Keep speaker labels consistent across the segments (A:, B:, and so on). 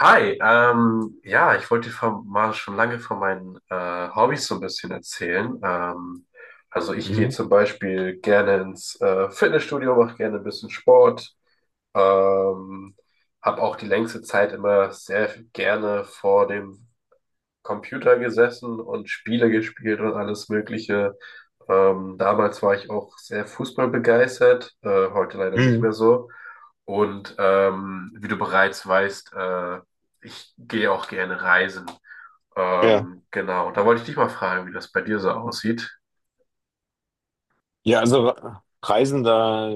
A: Hi, ja, ich wollte dir mal schon lange von meinen Hobbys so ein bisschen erzählen. Also ich gehe
B: Mhm.
A: zum Beispiel gerne ins Fitnessstudio, mache gerne ein bisschen Sport, ähm, habe auch die längste Zeit immer sehr gerne vor dem Computer gesessen und Spiele gespielt und alles Mögliche. Damals war ich auch sehr fußballbegeistert, heute leider nicht
B: Mhm.
A: mehr so. Und wie du bereits weißt, ich gehe auch gerne reisen.
B: Ja.
A: Genau, da wollte ich dich mal fragen, wie das bei dir so aussieht.
B: Ja, also Reisen, da,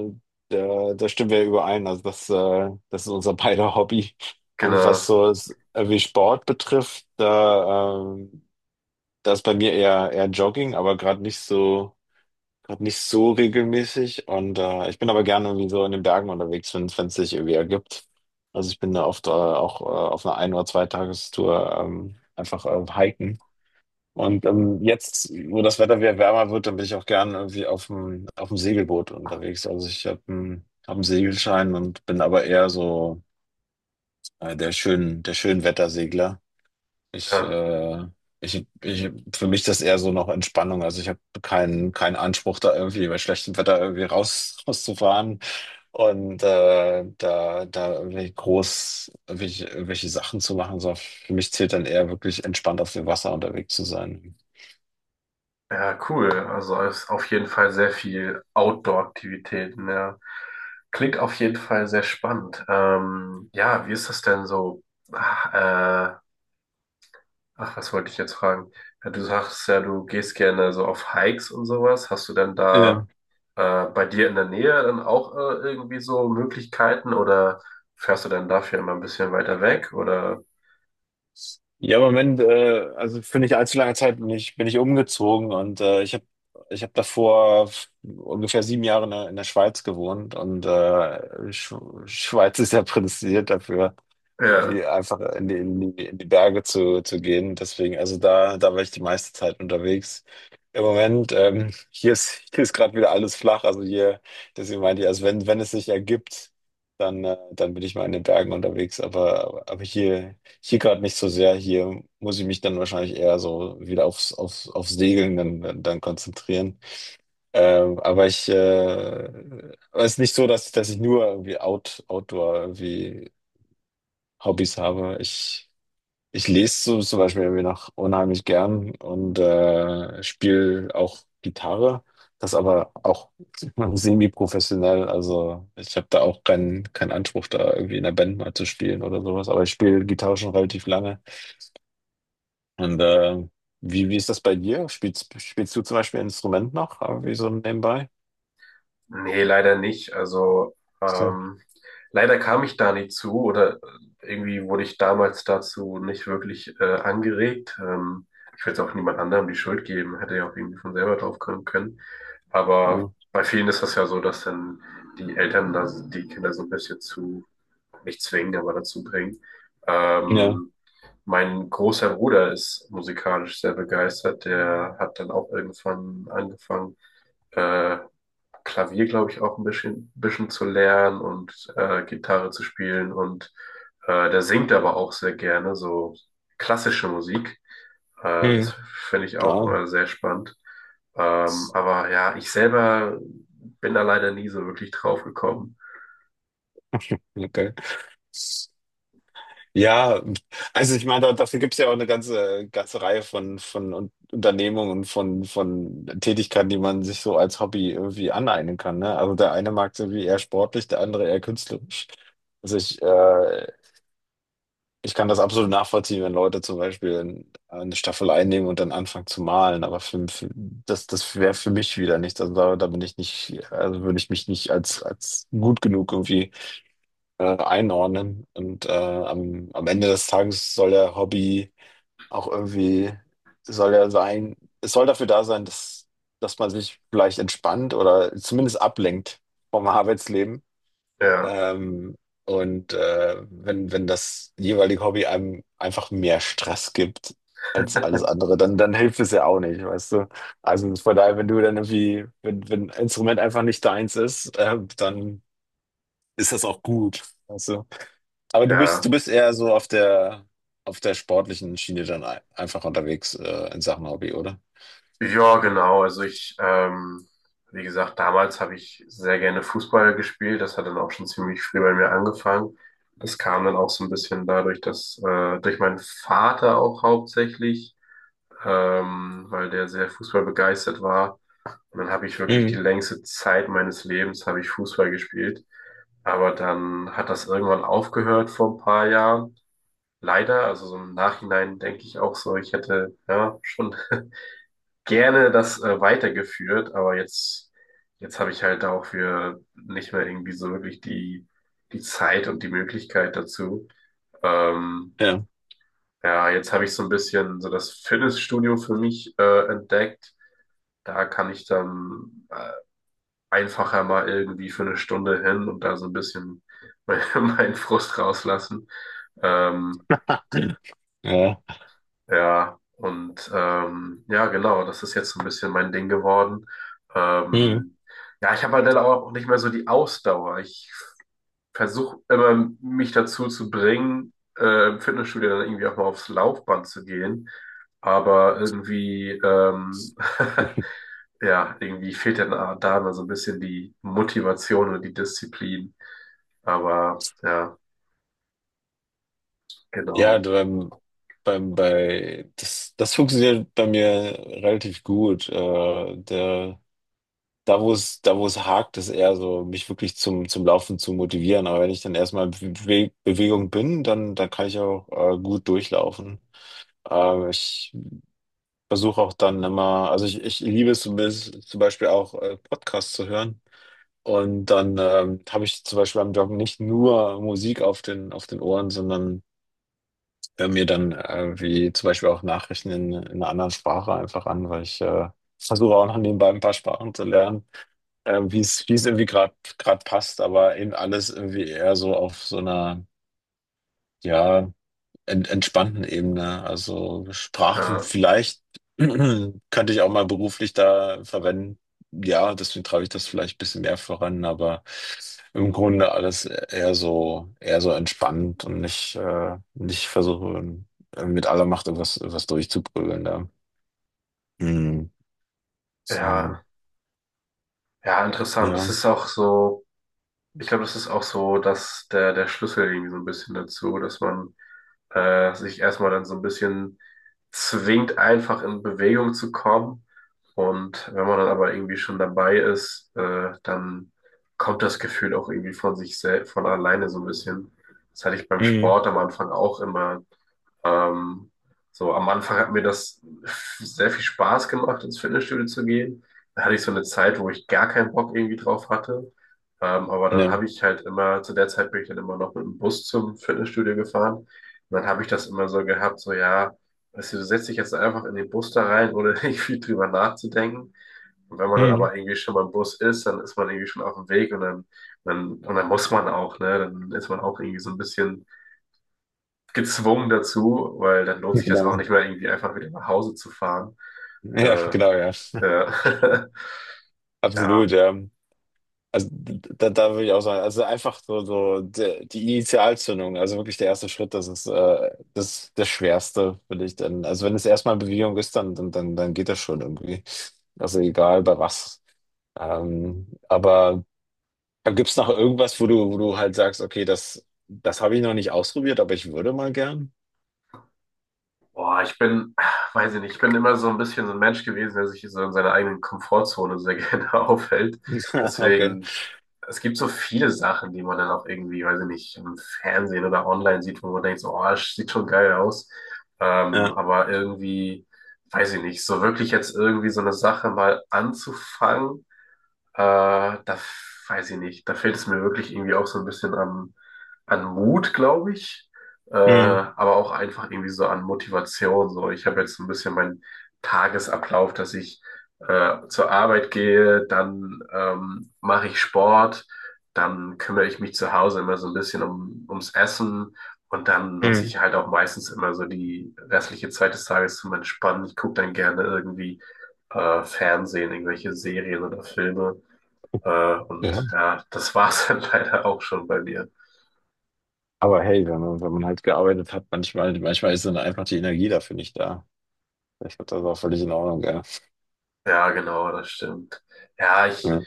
B: da, da stimmen wir überein. Also das ist unser beider Hobby. Und
A: Genau,
B: was so wie Sport betrifft, da ist bei mir eher Jogging, aber gerade nicht so regelmäßig. Und ich bin aber gerne irgendwie so in den Bergen unterwegs, wenn es sich irgendwie ergibt. Also ich bin da oft auch auf einer Ein- oder Zweitagestour einfach hiken. Und jetzt, wo das Wetter wieder wärmer wird, dann bin ich auch gern irgendwie auf dem Segelboot unterwegs. Also ich hab einen Segelschein und bin aber eher so der Schönwettersegler. Ich,
A: ja.
B: äh, für mich ist das eher so noch Entspannung. Also ich habe keinen Anspruch, da irgendwie bei schlechtem Wetter irgendwie rauszufahren und da irgendwie groß irgendwelche Sachen zu machen. So, für mich zählt dann eher wirklich entspannt auf dem Wasser unterwegs zu sein.
A: Ja, cool. Also es ist auf jeden Fall sehr viel Outdoor-Aktivitäten. Ja. Klingt auf jeden Fall sehr spannend. Ja, wie ist das denn so? Ach, äh, ach, was wollte ich jetzt fragen? Ja, du sagst ja, du gehst gerne so auf Hikes und sowas. Hast du denn da
B: Ja.
A: bei dir in der Nähe dann auch irgendwie so Möglichkeiten oder fährst du dann dafür immer ein bisschen weiter weg? Oder
B: Ja, im Moment, also für nicht allzu lange Zeit bin ich umgezogen, und ich hab davor ungefähr 7 Jahre in der Schweiz gewohnt, und Schweiz ist ja prädestiniert dafür,
A: ja.
B: irgendwie einfach in die Berge zu gehen. Deswegen, also da war ich die meiste Zeit unterwegs. Im Moment, hier ist gerade wieder alles flach, also hier, deswegen meinte ich, also wenn es sich ergibt, dann bin ich mal in den Bergen unterwegs, aber hier. Hier gerade nicht so sehr. Hier muss ich mich dann wahrscheinlich eher so wieder aufs Segeln dann konzentrieren. Aber es ist nicht so, dass ich nur irgendwie Outdoor irgendwie Hobbys habe. Ich lese so zum Beispiel irgendwie noch unheimlich gern und spiele auch Gitarre. Das aber auch semi-professionell. Also ich habe da auch keinen Anspruch, da irgendwie in der Band mal zu spielen oder sowas. Aber ich spiele Gitarre schon relativ lange. Und wie ist das bei dir? Spielst du zum Beispiel ein Instrument noch? Aber wie so nebenbei?
A: Nee, leider nicht. Also
B: So,
A: ähm, leider kam ich da nicht zu oder irgendwie wurde ich damals dazu nicht wirklich angeregt. Ich will jetzt auch niemand anderem die Schuld geben, hätte ja auch irgendwie von selber drauf kommen können. Aber
B: ja.
A: bei vielen ist das ja so, dass dann die Eltern da die Kinder so ein bisschen zu, nicht zwingen, aber dazu bringen.
B: Ja.
A: Ähm, mein großer Bruder ist musikalisch sehr begeistert. Der hat dann auch irgendwann angefangen. äh, Klavier, glaube ich, auch ein bisschen zu lernen und Gitarre zu spielen. Und der singt aber auch sehr gerne so klassische Musik. Das
B: Hm.
A: finde ich auch
B: Ja.
A: immer sehr spannend. Aber ja, ich selber bin da leider nie so wirklich drauf gekommen.
B: Okay. Ja, also ich meine, dafür gibt es ja auch eine ganze Reihe von Unternehmungen und von Tätigkeiten, die man sich so als Hobby irgendwie aneignen kann. Ne? Also der eine mag es irgendwie eher sportlich, der andere eher künstlerisch. Also ich kann das absolut nachvollziehen, wenn Leute zum Beispiel eine Staffel einnehmen und dann anfangen zu malen, aber das wäre für mich wieder nichts. Also da bin ich nicht, also würde ich mich nicht als gut genug irgendwie einordnen. Und am Ende des Tages soll der Hobby auch irgendwie, soll er sein, es soll dafür da sein, dass man sich vielleicht entspannt oder zumindest ablenkt vom Arbeitsleben.
A: Ja,
B: Ähm, und wenn das jeweilige Hobby einem einfach mehr Stress gibt als alles andere, dann hilft es ja auch nicht, weißt du? Also von daher, wenn du dann irgendwie, wenn ein Instrument einfach nicht deins ist, dann ist das auch gut, weißt du? Aber du bist,
A: ja.
B: du bist eher so auf der sportlichen Schiene dann einfach unterwegs, in Sachen Hobby, oder?
A: Ja, genau. Also wie gesagt, damals habe ich sehr gerne Fußball gespielt. Das hat dann auch schon ziemlich früh bei mir angefangen. Das kam dann auch so ein bisschen dadurch, dass durch meinen Vater auch hauptsächlich, weil der sehr Fußball begeistert war. Und dann habe ich wirklich die
B: Mhm.
A: längste Zeit meines Lebens habe ich Fußball gespielt. Aber dann hat das irgendwann aufgehört vor ein paar Jahren. Leider, also so im Nachhinein denke ich auch so, ich hätte ja schon gerne das weitergeführt, aber jetzt habe ich halt dafür nicht mehr irgendwie so wirklich die Zeit und die Möglichkeit dazu. Ähm,
B: Ja,
A: ja, jetzt habe ich so ein bisschen so das Fitnessstudio für mich entdeckt. Da kann ich dann einfacher mal irgendwie für eine Stunde hin und da so ein bisschen meinen Frust rauslassen. Ähm,
B: ja.
A: Ja, und ja, genau, das ist jetzt so ein bisschen mein Ding geworden.
B: Mhm.
A: Ähm, ja, ich habe halt dann auch nicht mehr so die Ausdauer. Ich versuche immer, mich dazu zu bringen, im Fitnessstudio dann irgendwie auch mal aufs Laufband zu gehen. Aber ja, irgendwie fehlt dann da immer so ein bisschen die Motivation und die Disziplin. Aber ja,
B: Ja,
A: genau.
B: das funktioniert bei mir relativ gut. Da, wo es hakt, ist eher so, mich wirklich zum Laufen zu motivieren. Aber wenn ich dann erstmal in Bewegung bin, dann kann ich auch gut durchlaufen. Ich versuche auch dann immer, also ich liebe es zumindest zum Beispiel auch Podcasts zu hören. Und dann habe ich zum Beispiel beim Joggen nicht nur Musik auf den Ohren, sondern höre mir dann wie zum Beispiel auch Nachrichten in einer anderen Sprache einfach an, weil ich versuche auch noch nebenbei ein paar Sprachen zu lernen, wie es irgendwie gerade passt, aber eben alles irgendwie eher so auf so einer, ja, entspannten Ebene. Also Sprachen
A: Äh,
B: vielleicht könnte ich auch mal beruflich da verwenden. Ja, deswegen treibe ich das vielleicht ein bisschen mehr voran, aber im Grunde alles eher so entspannt und nicht, nicht versuche, mit aller Macht irgendwas durchzuprügeln da. Mhm. Mhm.
A: ja, ja, interessant. Das
B: Ja.
A: ist auch so. Ich glaube, das ist auch so, dass der Schlüssel irgendwie so ein bisschen dazu, dass man sich erstmal dann so ein bisschen zwingt, einfach in Bewegung zu kommen. Und wenn man dann aber irgendwie schon dabei ist, dann kommt das Gefühl auch irgendwie von sich selbst, von alleine so ein bisschen. Das hatte ich beim
B: Mhm.
A: Sport am Anfang auch immer. Ähm, so am Anfang hat mir das sehr viel Spaß gemacht, ins Fitnessstudio zu gehen. Da hatte ich so eine Zeit, wo ich gar keinen Bock irgendwie drauf hatte. Aber dann
B: Ja.
A: habe ich halt immer, zu der Zeit bin ich dann immer noch mit dem Bus zum Fitnessstudio gefahren. Und dann habe ich das immer so gehabt, so ja, weißt du, du setzt dich jetzt einfach in den Bus da rein, ohne irgendwie drüber nachzudenken. Und wenn man dann
B: Mhm.
A: aber irgendwie schon beim Bus ist, dann ist man irgendwie schon auf dem Weg und und dann muss man auch, ne? Dann ist man auch irgendwie so ein bisschen gezwungen dazu, weil dann lohnt sich das auch
B: Genau.
A: nicht mehr, irgendwie einfach wieder nach Hause zu fahren.
B: Ja,
A: Äh,
B: genau, ja.
A: äh, ja,
B: Absolut, ja. Also da würde ich auch sagen, also einfach so die Initialzündung, also wirklich der erste Schritt, das ist das Schwerste, finde ich dann. Also wenn es erstmal Bewegung ist, dann geht das schon irgendwie. Also egal bei was. Aber gibt es noch irgendwas, wo du halt sagst, okay, das habe ich noch nicht ausprobiert, aber ich würde mal gern.
A: boah, weiß ich nicht, ich bin immer so ein bisschen so ein Mensch gewesen, der sich so in seiner eigenen Komfortzone sehr gerne aufhält.
B: Okay.
A: Deswegen, es gibt so viele Sachen, die man dann auch irgendwie, weiß ich nicht, im Fernsehen oder online sieht, wo man denkt, so, oh, das sieht schon geil aus.
B: Ja.
A: Aber irgendwie, weiß ich nicht, so wirklich jetzt irgendwie so eine Sache mal anzufangen. Äh, da weiß ich nicht. Da fehlt es mir wirklich irgendwie auch so ein bisschen an, an Mut, glaube ich.
B: Mhm.
A: Aber auch einfach irgendwie so an Motivation. So, ich habe jetzt so ein bisschen meinen Tagesablauf, dass ich zur Arbeit gehe, dann mache ich Sport, dann kümmere ich mich zu Hause immer so ein bisschen ums Essen und dann nutze
B: Mhm.
A: ich halt auch meistens immer so die restliche Zeit des Tages zum Entspannen. Ich gucke dann gerne irgendwie Fernsehen, irgendwelche Serien oder Filme. Und
B: Ja.
A: ja, das war's dann leider auch schon bei mir.
B: Aber hey, wenn man, halt gearbeitet hat, manchmal ist dann einfach die Energie dafür nicht da. Ich glaube, das ist auch völlig in Ordnung, ja.
A: Ja, genau, das stimmt. Ja, ich,
B: Ja.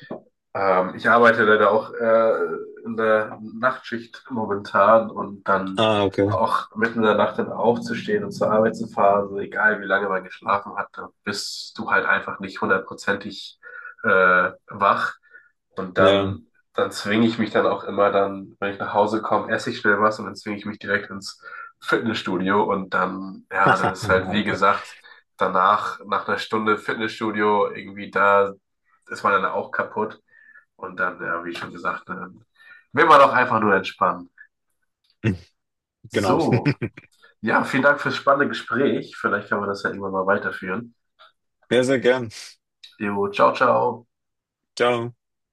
A: ich arbeite leider auch in der Nachtschicht momentan und dann
B: Ah, okay.
A: auch mitten in der Nacht dann aufzustehen und zur Arbeit zu fahren, so egal wie lange man geschlafen hat, da bist du halt einfach nicht hundertprozentig äh, wach. Und
B: Ja.
A: dann zwinge ich mich dann auch immer dann, wenn ich nach Hause komme, esse ich schnell was und dann zwinge ich mich direkt ins Fitnessstudio und dann, ja, das ist halt wie
B: Okay.
A: gesagt, danach, nach einer Stunde Fitnessstudio, irgendwie da ist man dann auch kaputt und dann, ja, wie schon gesagt, dann will man doch einfach nur entspannen.
B: Genau.
A: So, ja, vielen Dank fürs spannende Gespräch. Vielleicht kann man das ja irgendwann mal weiterführen.
B: Ja, sehr gern.
A: Jo, ciao, ciao.
B: Ciao.